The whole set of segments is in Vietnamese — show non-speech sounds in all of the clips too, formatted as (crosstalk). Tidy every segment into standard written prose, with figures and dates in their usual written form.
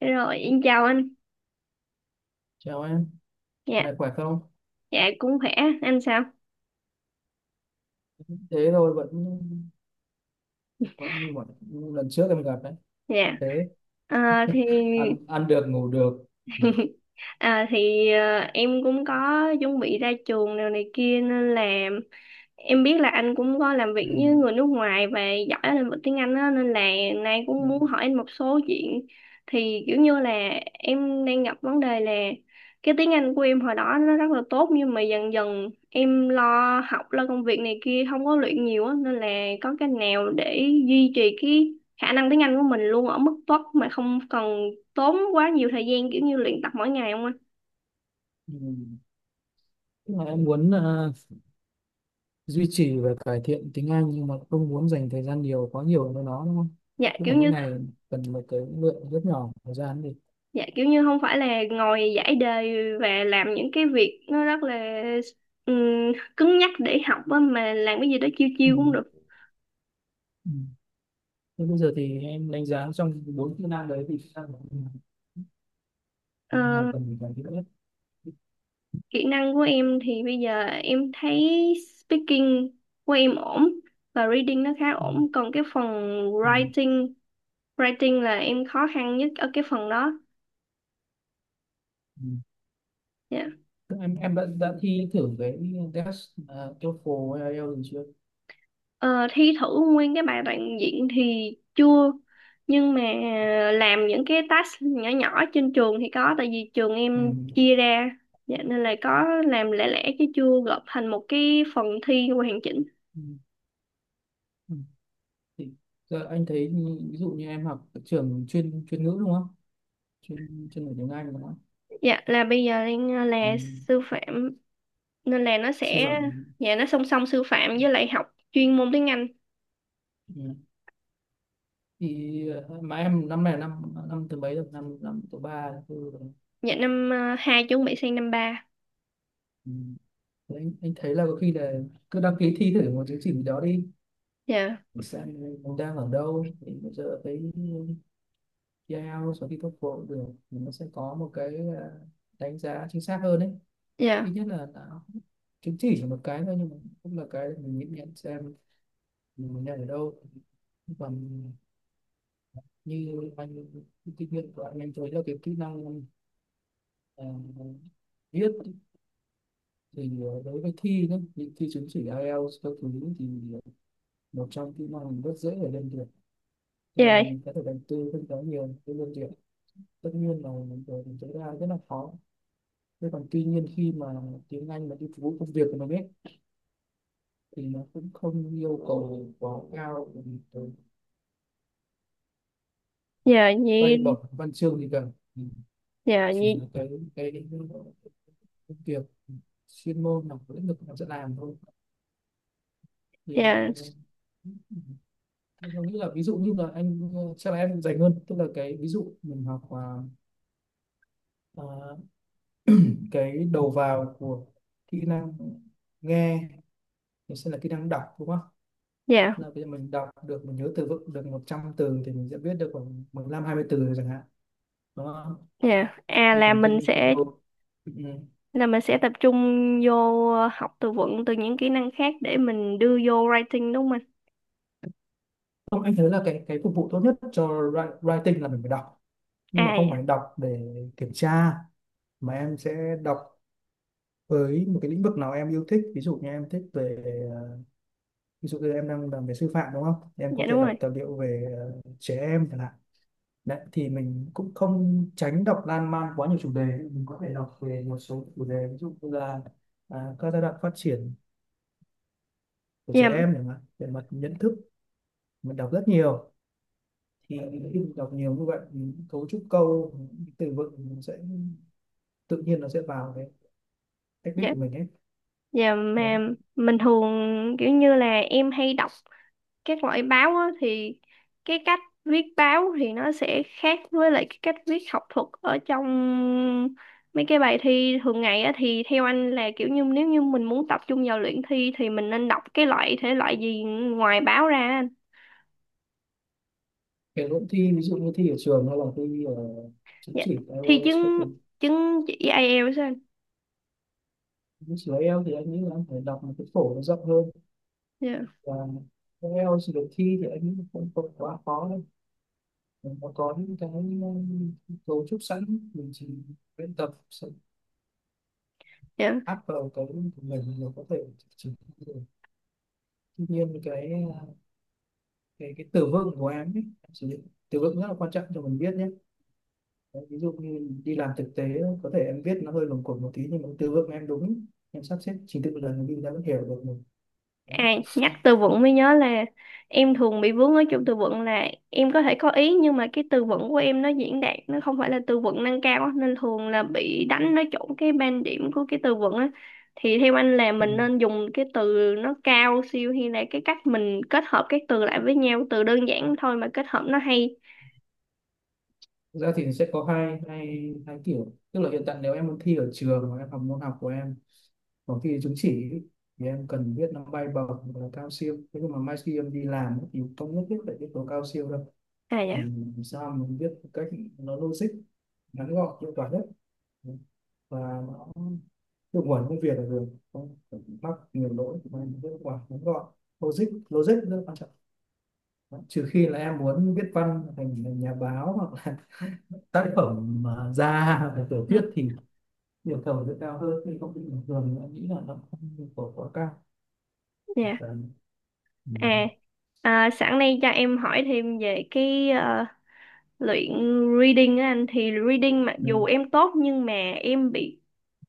Rồi, em chào anh. Chào em, hôm Dạ, nay khỏe không? dạ cũng khỏe. Anh sao? Thế thôi vẫn vẫn như mọi lần trước em gặp đấy. Dạ. Thế À, thì ăn ăn được ngủ được. Ừ. (laughs) Em cũng có chuẩn bị ra trường nào này kia nên là em biết là anh cũng có làm Ừ. việc với người nước ngoài và giỏi ở lĩnh vực tiếng Anh á, nên là nay Ừ. cũng muốn hỏi anh một số chuyện. Thì kiểu như là em đang gặp vấn đề là cái tiếng Anh của em hồi đó nó rất là tốt, nhưng mà dần dần em lo học lo công việc này kia không có luyện nhiều á, nên là có cái nào để duy trì cái khả năng tiếng Anh của mình luôn ở mức tốt mà không cần tốn quá nhiều thời gian kiểu như luyện tập mỗi ngày không anh? Ừ. Tức là em muốn duy trì và cải thiện tiếng Anh nhưng mà không muốn dành thời gian nhiều quá nhiều với nó đúng không? Dạ Tức kiểu là mỗi như ngày cần một cái lượng rất nhỏ thời gian đi. dạ kiểu như không phải là ngồi giải đề và làm những cái việc nó rất là cứng nhắc để học á, mà làm cái gì đó chiêu Ừ. chiêu cũng được. Ừ. Thế bây giờ thì em đánh giá trong bốn kỹ năng đấy thì kỹ năng nào nào Ờ, cần phải cải thiện nhất? kỹ năng của em thì bây giờ em thấy speaking của em ổn, và reading nó khá Ừ. ổn, còn cái phần Ừ. writing writing là em khó khăn nhất ở cái phần đó. Ừ. Dạ. Em đã thi thử cái test TOEFL hay IELTS rồi chưa. Ờ, thi thử nguyên cái bài đoạn diễn thì chưa, nhưng mà làm những cái task nhỏ nhỏ trên trường thì có, tại vì trường Ừ. em chia ra, dạ, nên là có làm lẻ lẻ chứ chưa gộp thành một cái phần thi hoàn chỉnh. Ừ. Ừ. Thì giờ anh thấy như-, ví dụ như em học ở trường chuyên chuyên ngữ đúng không, chuyên chuyên ngữ tiếng Anh đúng không. Dạ, là bây giờ đang Ừ. là sư phạm, nên là nó Sư sẽ, phạm. dạ, nó song song sư phạm với lại học chuyên môn tiếng Anh. Ừ. Thì mà em năm này là năm năm thứ mấy rồi, năm năm thứ ba thứ tư rồi. Dạ năm hai, chuẩn bị sang năm ba. Ừ. Thế anh thấy là có khi là cứ đăng ký thi thử một chứng chỉ gì đó đi, Dạ. xem mình đang ở đâu. Thì bây giờ thấy IELTS sau khi tốt cũng được, thì nó sẽ có một cái đánh giá chính xác hơn đấy. Ít Dạ. nhất là nó chứng chỉ một cái thôi nhưng mà cũng là cái để mình nhìn nhận xem mình nhận ở đâu. Còn như anh, kinh nghiệm của anh em thấy là cái kỹ năng ờ, viết thì đối với thi đó, thì thi chứng chỉ IELTS các thứ, thì một trong kỹ năng rất dễ để lên được. Tức là Dạ. mình có thể đầu tư không quá nhiều để lên được, tất nhiên là mình tối đa rất là khó. Thế còn, tuy nhiên khi mà tiếng Anh mà đi phục vụ công việc của mình ấy, thì nó cũng không yêu cầu quá cao, bởi vì Dạ nhi. bay bổng văn chương gì cả. Ừ, Dạ chỉ nhi. là cái công việc chuyên môn là lĩnh vực mà sẽ làm thôi. Thì Dạ. ừ, thế tôi nghĩ là ví dụ như là anh chắc là em dành hơn, tức là cái ví dụ mình học ờ, cái đầu vào của kỹ năng nghe thì sẽ là kỹ năng đọc đúng không. Dạ. Là bây giờ mình đọc được, mình nhớ từ vựng được 100 từ thì mình sẽ viết được khoảng 15 20 từ rồi chẳng hạn, đúng không. Yeah. À, Thế là còn mình cái sẽ câu, ừ. Ừ. là mình sẽ tập trung vô học từ vựng từ những kỹ năng khác để mình đưa vô writing, đúng không anh? Không, anh thấy là cái phục vụ tốt nhất cho writing là mình phải đọc, nhưng mà À không dạ. phải đọc để kiểm tra, mà em sẽ đọc với một cái lĩnh vực nào em yêu thích. Ví dụ như em thích về ờ, ví dụ như em đang làm về sư phạm đúng không, em có Dạ thể đúng rồi. đọc tài liệu về trẻ em chẳng hạn. Đấy, thì mình cũng không tránh đọc lan man quá nhiều chủ đề, mình có thể đọc về một số chủ đề ví dụ như là các giai đoạn phát triển của Dạ. trẻ em chẳng hạn, về mặt nhận thức. Mình đọc rất nhiều thì khi mình đọc nhiều như vậy, mình cấu trúc câu, những từ vựng nó sẽ tự nhiên nó sẽ vào cái cách viết Dạ. của mình ấy, Dạ, mà đấy. mình thường kiểu như là em hay đọc các loại báo á, thì cái cách viết báo thì nó sẽ khác với lại cái cách viết học thuật ở trong mấy cái bài thi thường ngày á, thì theo anh là kiểu như nếu như mình muốn tập trung vào luyện thi thì mình nên đọc cái loại thể loại gì ngoài báo ra anh? Kể cũng thi, ví dụ như thi ở trường hay là thi ở chứng Dạ. chỉ Thi IELTS các chứng thứ. chứng chỉ ai eo sao anh? Chứng chỉ IELTS thì anh nghĩ là anh phải đọc một cái phổ nó rộng hơn. Dạ. Và IELTS được thi thì anh nghĩ là không không quá khó đâu. Nó có những cái ờ, cấu trúc sẵn, mình chỉ luyện tập sẽ Dạ. áp vào cái của mình là có thể chỉnh được. Tuy nhiên cái ờ, cái từ vựng của em ấy, em sử dụng từ vựng rất là quan trọng cho mình viết nhé. Đấy, ví dụ như đi làm thực tế có thể em viết nó hơi lồng cuộn một tí, nhưng mà từ vựng em đúng, em sắp xếp trình tự một lần đi ra vẫn hiểu được mình. Đấy. À, nhắc từ vựng mới nhớ là em thường bị vướng ở chỗ từ vựng, là em có thể có ý nhưng mà cái từ vựng của em nó diễn đạt nó không phải là từ vựng nâng cao á, nên thường là bị đánh nó trúng cái ban điểm của cái từ vựng á, thì theo anh là Ừ. mình nên dùng cái từ nó cao siêu hay là cái cách mình kết hợp các từ lại với nhau từ đơn giản thôi mà kết hợp nó hay? Thực ra thì sẽ có hai hai hai kiểu, tức là hiện tại nếu em muốn thi ở trường mà em học môn học của em có thi chứng chỉ, thì em cần biết nó bay bổng hoặc là cao siêu. Thế nhưng mà mai khi em đi làm ấy, thì không nhất thiết phải biết tố cao siêu đâu. À dạ. Mình làm sao mình biết một cách nó logic, ngắn gọn, hiệu quả nhất, và nó hiệu quả công việc là được. Không phải mắc nhiều lỗi mà mình biết hiệu quả, ngắn gọn, logic logic rất quan trọng. Đấy, trừ khi là em muốn viết văn thành thành nhà báo hoặc là (laughs) tác phẩm mà ra về tiểu thuyết (laughs) thì yêu cầu sẽ cao hơn. Nhưng không, bình thường em nghĩ là nó không yêu cầu quá cao. Dạ. Cần. Ừ. À, à sẵn đây cho em hỏi thêm về cái luyện reading á anh, thì reading mặc dù Ừ. em tốt nhưng mà em bị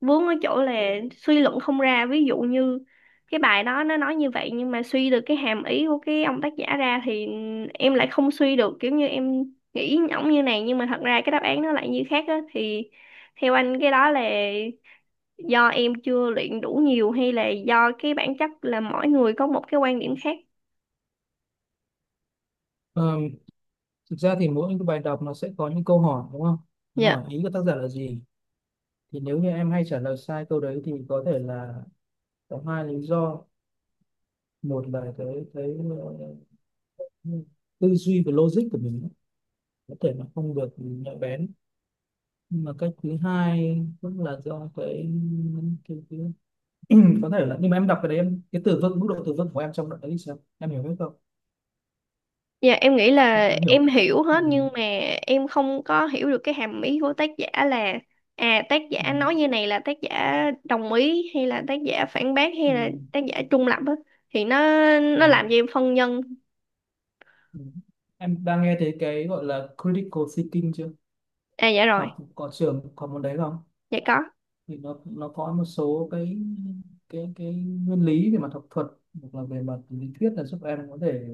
vướng ở chỗ là suy luận không ra, ví dụ như cái bài đó nó nói như vậy nhưng mà suy được cái hàm ý của cái ông tác giả ra thì em lại không suy được, kiểu như em nghĩ ổng như này nhưng mà thật ra cái đáp án nó lại như khác á, thì theo anh cái đó là do em chưa luyện đủ nhiều hay là do cái bản chất là mỗi người có một cái quan điểm khác? Ờ, thực ra thì mỗi cái bài đọc nó sẽ có những câu hỏi đúng không? Nó Dạ. hỏi ý của tác giả là gì? Thì nếu như em hay trả lời sai câu đấy thì có thể là có hai lý do. Một là cái ờ, tư duy và logic của mình ấy, có thể là không được nhạy bén. Nhưng mà cách thứ hai cũng là do cái... (clears throat) có thể là, nhưng mà em đọc cái đấy, em cái từ vựng, mức độ từ vựng của em trong đoạn đấy thì sao? Em hiểu hết không? Dạ, em nghĩ là Em hiểu. em hiểu hết, Ừ. nhưng mà em không có hiểu được cái hàm ý của tác giả, là à tác Ừ. giả nói như này là tác giả đồng ý hay là tác giả phản bác hay là Ừ. tác giả trung lập á, thì nó Ừ. nó làm cho em phân vân. Ừ. Em đang nghe thấy cái gọi là critical thinking chưa? À dạ rồi. Học có trường có môn đấy không? Dạ có. Thì nó có một số cái cái nguyên lý về mặt học thuật hoặc là về mặt lý thuyết, là giúp em có thể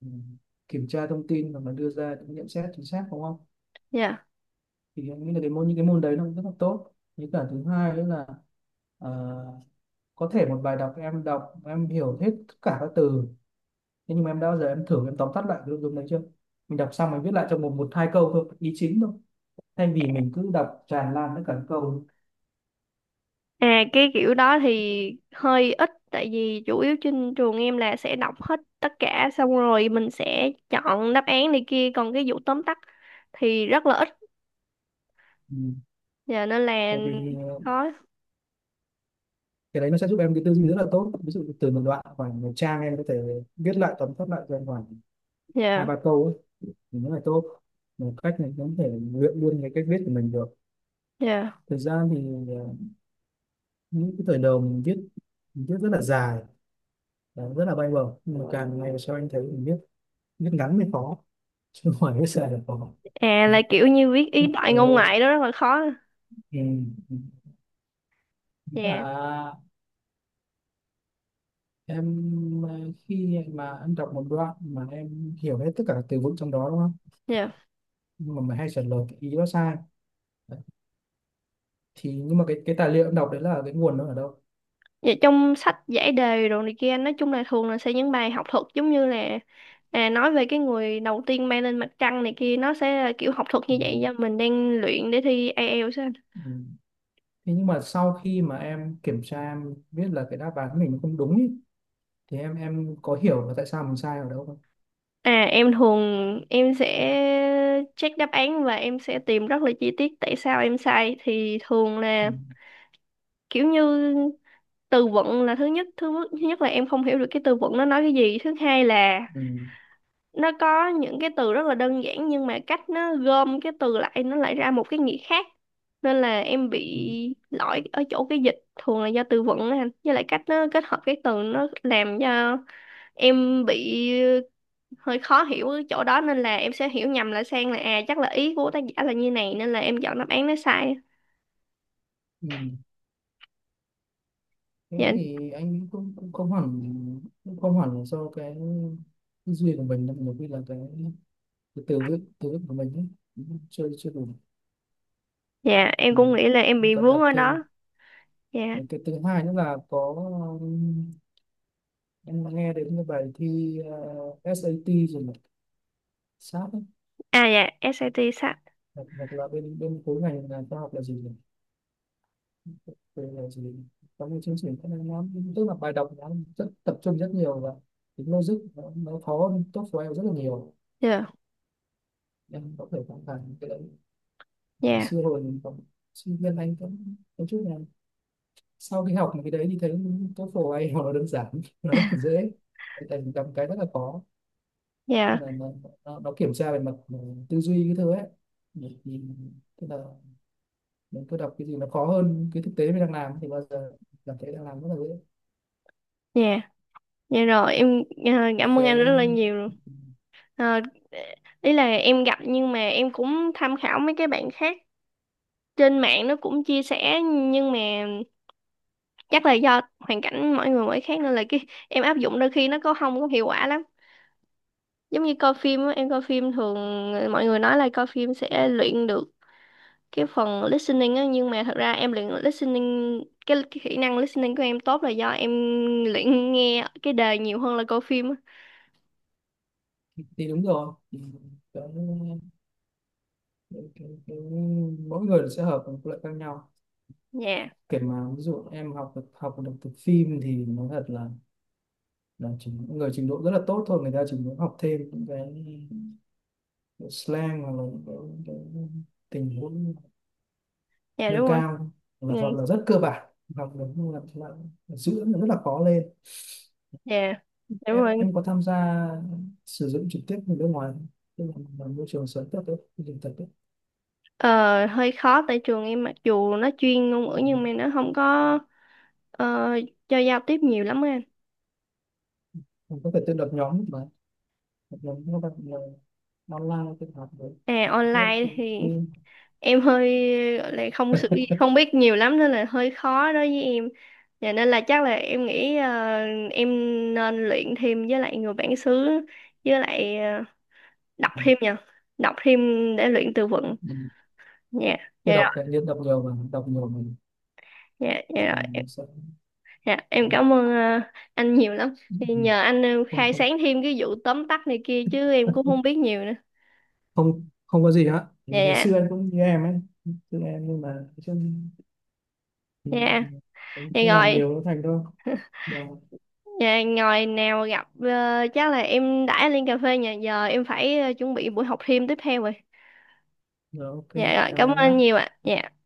ừ, kiểm tra thông tin và mà đưa ra những nhận xét chính xác, đúng không? Dạ. Thì em nghĩ là cái môn, những cái môn đấy nó cũng rất là tốt. Với cả thứ hai nữa là, ờ, có thể một bài đọc em hiểu hết tất cả các từ, thế nhưng mà em đã bao giờ em thử em tóm tắt lại cái nội dung đấy chưa? Mình đọc xong mình viết lại trong một một hai câu thôi, ý chính thôi, thay vì mình cứ đọc tràn lan tất cả các câu. À, cái kiểu đó thì hơi ít, tại vì chủ yếu trên trường em là sẽ đọc hết tất cả xong rồi mình sẽ chọn đáp án này kia, còn cái vụ tóm tắt thì rất là ít. Ừ. Dạ nên là Bởi vì khó. cái đấy nó sẽ giúp em cái tư duy rất là tốt, ví dụ từ một đoạn khoảng một trang em có thể viết lại, tóm tắt lại trong khoảng hai Dạ. ba câu ấy, thì nó là tốt. Một cách này cũng có thể luyện luôn cái cách viết của mình được. Dạ. Thực ra thì ờ, những cái thời đầu mình viết, mình viết rất là dài và rất là bay bổng, nhưng mà càng ngày sau anh thấy mình viết viết ngắn mới khó, chứ không phải viết dài là khó. À, là kiểu như viết ý đại Ờ, ngôn ngoại đó rất là khó. ừ. Ừ. Dạ. Và em khi mà em đọc một đoạn mà em hiểu hết tất cả các từ vựng trong đó đúng không, Dạ. nhưng mà mày hay trả lời cái ý đó sai. Đấy. Thì nhưng mà cái tài liệu em đọc đấy là cái nguồn nó ở đâu? Vậy trong sách giải đề đồ này kia nói chung là thường là sẽ những bài học thuật, giống như là à, nói về cái người đầu tiên bay lên mặt trăng này kia, nó sẽ là kiểu học thuật Ừ. như vậy, do mình đang luyện để thi IELTS á anh. Ừ. Thế nhưng mà sau khi mà em kiểm tra em biết là cái đáp án của mình nó không đúng ý, thì em có hiểu là tại sao mình sai ở đâu không? À em thường em sẽ check đáp án và em sẽ tìm rất là chi tiết tại sao em sai, thì thường là Ừ. kiểu như từ vựng là thứ nhất, là em không hiểu được cái từ vựng nó nói cái gì. Thứ hai là Ừ. nó có những cái từ rất là đơn giản nhưng mà cách nó gom cái từ lại nó lại ra một cái nghĩa khác, nên là em bị Ừ. lỗi ở chỗ cái dịch, thường là do từ vựng á anh, với lại cách nó kết hợp cái từ nó làm cho em bị hơi khó hiểu ở chỗ đó, nên là em sẽ hiểu nhầm lại sang là à chắc là ý của tác giả là như này, nên là em chọn đáp án nó sai. Ừ. Thế Dạ. thì anh cũng cũng không hẳn là do cái tư duy của mình đâu, nhiều khi là cái từ vựng của mình ấy chưa chưa đủ. Dạ, em Ừ, cũng nghĩ là em bị vận vướng động ở thêm. đó. Dạ. Những cái thứ hai nữa là có, um, em nghe đến cái bài thi SAT rồi này, sát. Ấy. À dạ SAT sách. Hoặc, hoặc là bên bên khối ngành là khoa học là gì nhỉ, về là gì nhỉ? Có một chương trình cái này nó, tức là bài đọc nó rất tập trung rất nhiều, và tính logic nó khó hơn tốt của em rất là nhiều. Dạ. Em có thể cảm thấy cái đấy. Ngày Dạ. xưa hồi mình còn sinh viên anh cũng có chút là, sau khi học cái đấy thì thấy TOEFL ai nó đơn giản (laughs) nó rất là dễ, tại vì gặp cái rất là khó. Tức Dạ. là nó kiểm tra về mặt tư duy cái thứ ấy. Thì tức là mình cứ đọc cái gì nó khó hơn cái thực tế mình đang làm, thì bao giờ cảm thấy đang làm rất là dễ. Dạ. Dạ rồi, em cảm ơn anh rất Cái, là nhiều. Ờ, ý là em gặp, nhưng mà em cũng tham khảo mấy cái bạn khác trên mạng nó cũng chia sẻ, nhưng mà chắc là do hoàn cảnh mỗi người mỗi khác nên là cái em áp dụng đôi khi nó có không có hiệu quả lắm, giống như coi phim á, em coi phim thường, mọi người nói là coi phim sẽ luyện được cái phần listening á, nhưng mà thật ra em luyện listening, cái kỹ năng listening của em tốt là do em luyện nghe cái đề nhiều hơn là coi phim á. thì đúng rồi, thì cái, cái, mỗi người sẽ hợp với một loại khác nhau. Dạ. Kể mà ví dụ em học được từ phim thì nó thật là chỉ những người trình độ rất là tốt thôi, người ta chỉ muốn học thêm những cái slang hoặc là những cái tình huống Dạ nâng đúng rồi. cao, Ừ, là hoặc là rất cơ bản hoặc là, là giữ nó rất là khó lên. dạ đúng em rồi. em có tham gia sử dụng trực tiếp người nước ngoài không? Tức là môi trường sống thật đấy, môi trường thật đấy. Ờ, hơi khó, tại trường em mặc dù nó chuyên ngôn ngữ nhưng mà nó không có ờ, cho giao tiếp nhiều lắm á anh. Em có thể tự lập nhóm mà, lập nhóm các bạn là online tự học với, À viết online tự thì tin. em hơi gọi là không biết nhiều lắm nên là hơi khó đối với em. Và nên là chắc là em nghĩ em nên luyện thêm với lại người bản xứ với lại đọc Ừ. thêm nha. Đọc thêm để luyện từ vựng. Ừ. Dạ. Dạ Tự đọc tự rồi. nhiên, đọc nhiều và đọc nhiều mình, Dạ. Dạ rồi. mình sẽ. Dạ, em Ừ. cảm ơn anh nhiều lắm. Thì nhờ anh Không, khai không sáng thêm cái vụ tóm tắt này kia chứ em cũng không biết nhiều nữa. không không có gì hết, Dạ. vì ngày Dạ. xưa em cũng như em ấy, xưa em nhưng mà chứ. Ừ, Dạ. Thì cứ làm rồi, nhiều nó thành thôi. Rồi, dạ, ngồi nào gặp chắc là em đãi lên cà phê, nhà giờ em phải chuẩn bị buổi học thêm tiếp theo rồi. rồi, ok, Dạ rồi, chào cảm ơn em anh nhé. nhiều ạ. Dạ.